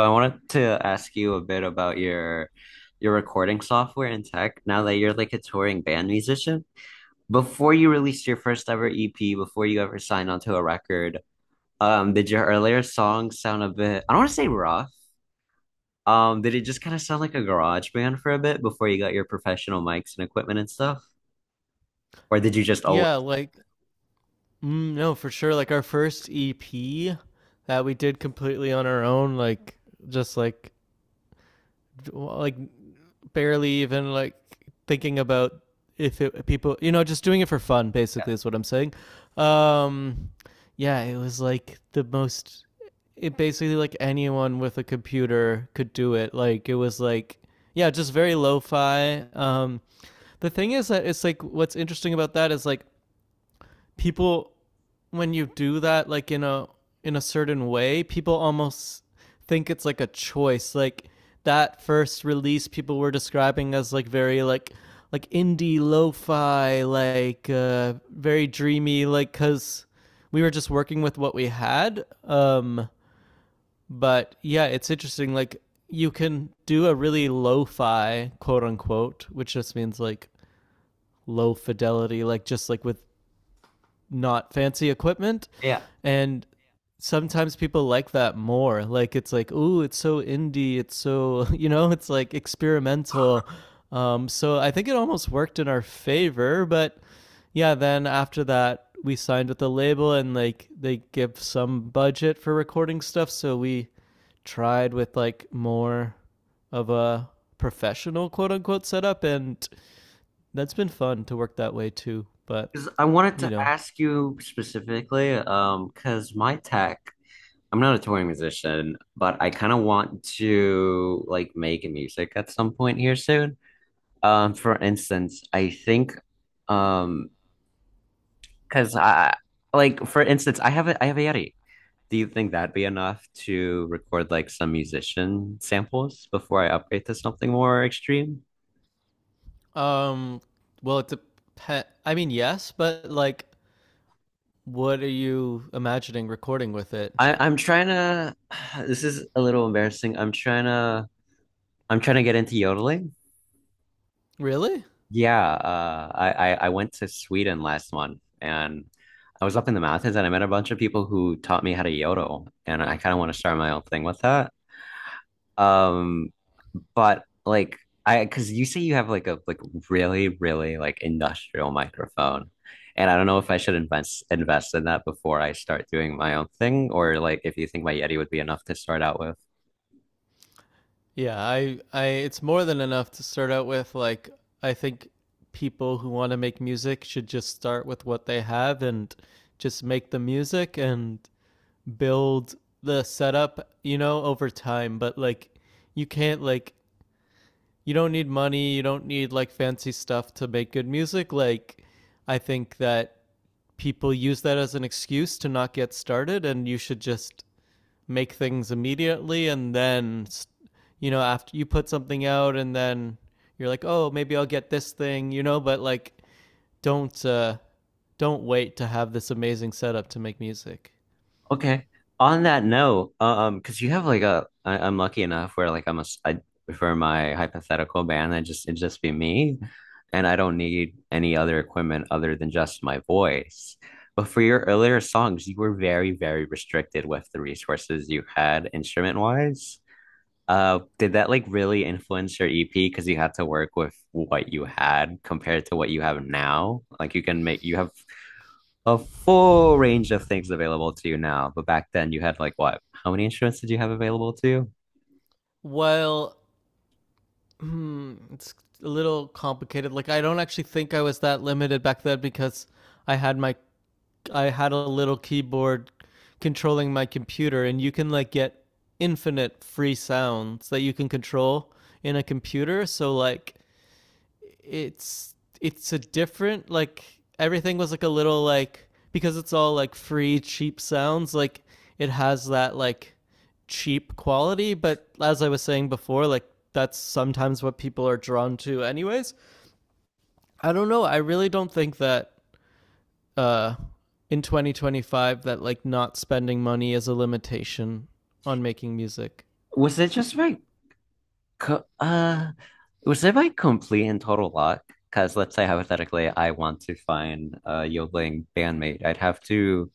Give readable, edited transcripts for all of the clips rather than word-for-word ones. So I wanted to ask you a bit about your recording software and tech now that you're like a touring band musician. Before you released your first ever EP, before you ever signed onto a record, did your earlier songs sound a bit? I don't want to say rough. Did it just kind of sound like a garage band for a bit before you got your professional mics and equipment and stuff? Or did you just always Yeah, like, mm, no, for sure. Like our first EP that we did completely on our own, like just like like barely even like thinking about if it, people, just doing it for fun. yeah. Basically, is what I'm saying. Um, yeah, it was like the most. It basically like anyone with a computer could do it. Like it was like yeah, just very lo-fi. The thing is that it's like what's interesting about that is like people when you do that like in a certain way, people almost think it's like a choice. Like that first release people were describing as like very like indie lo-fi like very dreamy like cuz we were just working with what we had. But yeah, it's interesting like you can do a really lo-fi quote unquote, which just means like low fidelity like just like with not fancy equipment, Yeah, and sometimes people like that more. Like it's like, "Ooh, it's so indie, it's so, you know, it's like experimental." So I think it almost worked in our favor, but yeah, then after that we signed with the label and like they give some budget for recording stuff, so we tried with like more of a professional quote unquote setup, and that's been fun to work that way too, but because I wanted you to know. ask you specifically, because my tech, I'm not a touring musician, but I kind of want to like make music at some point here soon. For instance, I think, um, because I like, for instance, I have a Yeti. Do you think that'd be enough to record like some musician samples before I upgrade to something more extreme? Um well, it's a pet. I mean, yes, but like what are you imagining recording with it? I'm trying to. This is a little embarrassing. I'm trying to get into yodeling. Really? Yeah, I went to Sweden last month, and I was up in the mountains, and I met a bunch of people who taught me how to yodel, and I kind of want to start my own thing with that. Um, but like I because you say you have like a really really like industrial microphone, and I don't know if I should invest in that before I start doing my own thing, or like if you think my Yeti would be enough to start out with. Yeah, I it's more than enough to start out with. Like I think people who want to make music should just start with what they have and just make the music and build the setup, you know, over time, but like you can't like you don't need money, you don't need like fancy stuff to make good music. Like I think that people use that as an excuse to not get started, and you should just make things immediately, and then you know after you put something out and then you're like, oh, maybe I'll get this thing, you know, but like don't uh don't wait to have this amazing setup to make music. Okay. On that note, because you have like a, I'm lucky enough where like I'm a, s- I, for my hypothetical band, I just it'd just be me, and I don't need any other equipment other than just my voice. But for your earlier songs, you were very, very restricted with the resources you had instrument wise. Did that like really influence your EP? Because you had to work with what you had compared to what you have now. Like you can make you have a full range of things available to you now. But back then you had like what? How many instruments did you have available to you? Well, it's a little complicated. Like I don't actually think I was that limited back then because i had my I had a little keyboard controlling my computer, and you can like get infinite free sounds that you can control in a computer. So like it's it's a different like everything was like a little like because it's all like free cheap sounds, like it has that like cheap quality, but as I was saying before, like that's sometimes what people are drawn to anyways. I don't know, I really don't think that uh in 2025 that like not spending money is a limitation on making music. Was it just my co uh was it my complete and total luck? Because let's say hypothetically I want to find a yodeling bandmate. I'd have to,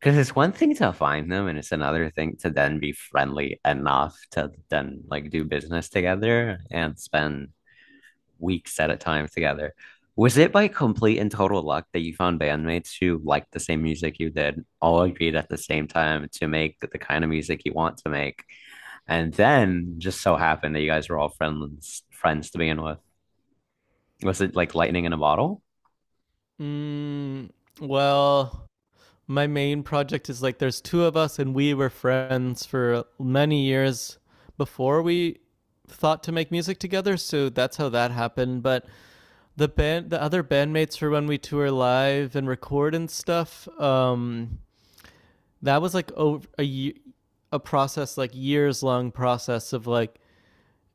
because it's one thing to find them, and it's another thing to then be friendly enough to then like do business together and spend weeks at a time together. Was it by complete and total luck that you found bandmates who liked the same music you did, all agreed at the same time to make the kind of music you want to make, and then just so happened that you guys were all friends to begin with? Was it like lightning in a bottle? mm, well, my main project is like there's two of us, and we were friends for many years before we thought to make music together, so that's how that happened. But the band, the other bandmates, for when we tour live and record and stuff, that was like over a process, like years long process of like,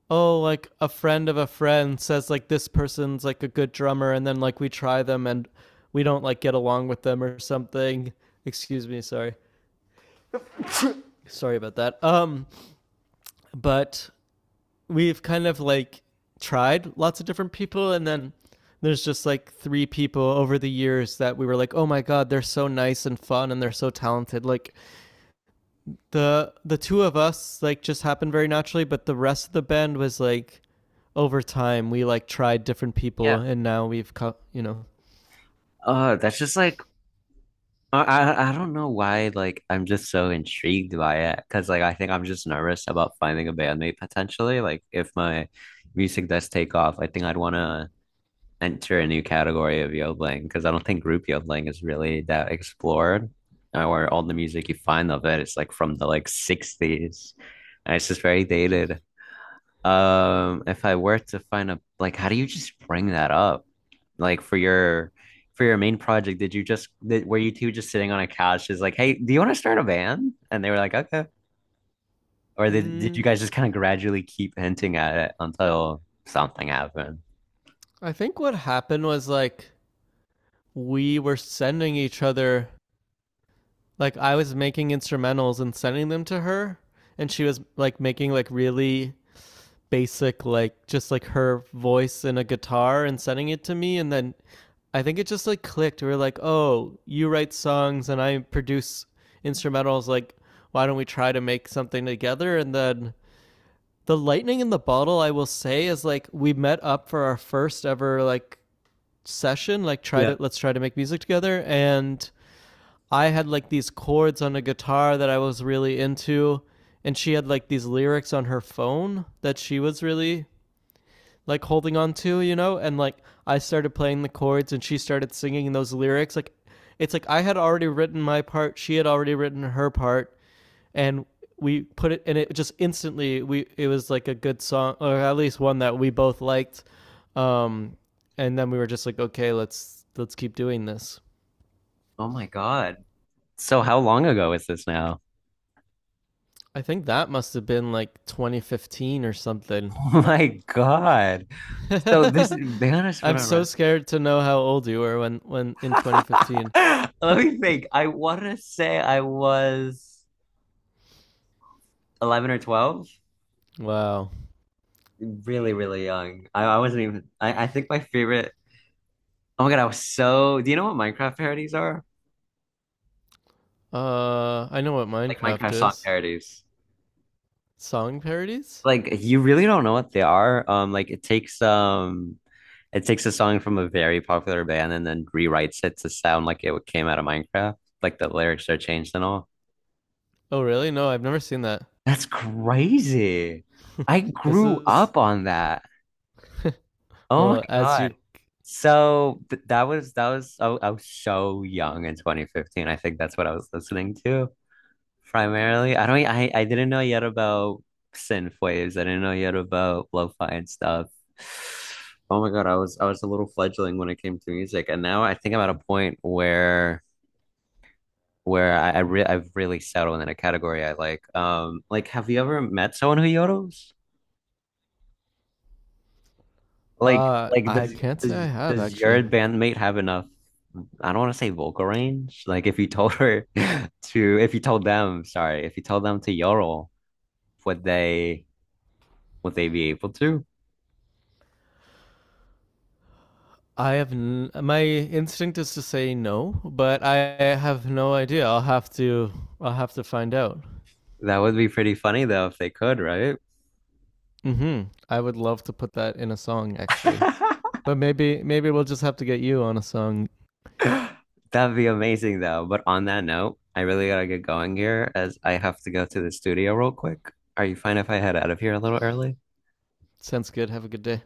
oh, like a friend of a friend says like this person's like a good drummer, and then like we try them and we don't like get along with them or something. Excuse me, sorry. Sorry about that. But we've kind of like tried lots of different people, and then there's just like three people over the years that we were like, oh my God, they're so nice and fun, and they're so talented. Like the two of us like just happened very naturally, but the rest of the band was like over time we like tried different people, Yeah. and now we've. That's just like I don't know why, like I'm just so intrigued by it because like I think I'm just nervous about finding a bandmate potentially, like if my music does take off I think I'd want to enter a new category of yodeling, because I don't think group yodeling is really that explored, where all the music you find of it's like from the like 60s and it's just very dated. If I were to find a, like, how do you just bring that up? Like for your main project, did you just did, were you two just sitting on a couch, just like, hey, do you want to start a band? And they were like, okay. Or did Mm, you guys just kind of gradually keep hinting at it until something happened? I think what happened was like we were sending each other like I was making instrumentals and sending them to her, and she was like making like really basic like just like her voice and a guitar and sending it to me, and then I think it just like clicked. We were like, "Oh, you write songs and I produce instrumentals, like why don't we try to make something together?" And then the lightning in the bottle, I will say, is like we met up for our first ever like session, like try to, let's try to make music together, and I had like these chords on a guitar that I was really into, and she had like these lyrics on her phone that she was really like holding on to, you know? And like I started playing the chords and she started singing those lyrics. Like it's like I had already written my part, she had already written her part, and we put it and it just instantly we it was like a good song, or at least one that we both liked. um and then we were just like, okay, let's keep doing this. Oh my God. So how long ago is this now? I think that must have been like 2015 or something. Oh my God. So this is, be honest when I'm I so read. scared to know how old you were when, in 2015. Let me think. I want to say I was 11 or 12. Wow. Really, really young. I wasn't even, I think my favorite, oh my God, I was so, do you know what Minecraft parodies are? I know what Like Minecraft Minecraft song is. parodies. Song parodies? Like you really don't know what they are. Like it takes a song from a very popular band and then rewrites it to sound like it came out of Minecraft. Like the lyrics are changed and all. Oh, really? No, I've never seen that. That's crazy. I This grew is up on that. Oh my well, as God. you So th that was I was so young in 2015. I think that's what I was listening to primarily. I don't I didn't know yet about synth waves. I didn't know yet about lo-fi and stuff. Oh my God, I was a little fledgling when it came to music, and now I think I'm at a point where I've really settled in a category I like. Like have you ever met someone who yodels? Like, like I does can't say I does have your actually. bandmate have enough? I don't want to say vocal range. Like, if you told her to, if you told them, sorry, if you told them to yodel, would they be able to? I have my instinct is to say no, but I have no idea. I'll have to find out. That would be pretty funny though if they could, right? Mhm. I would love to put that in a song actually. But maybe we'll just have to get you on a song. That'd be amazing though. But on that note, I really gotta get going here as I have to go to the studio real quick. Are you fine if I head out of here a little early? Sounds good. Have a good day.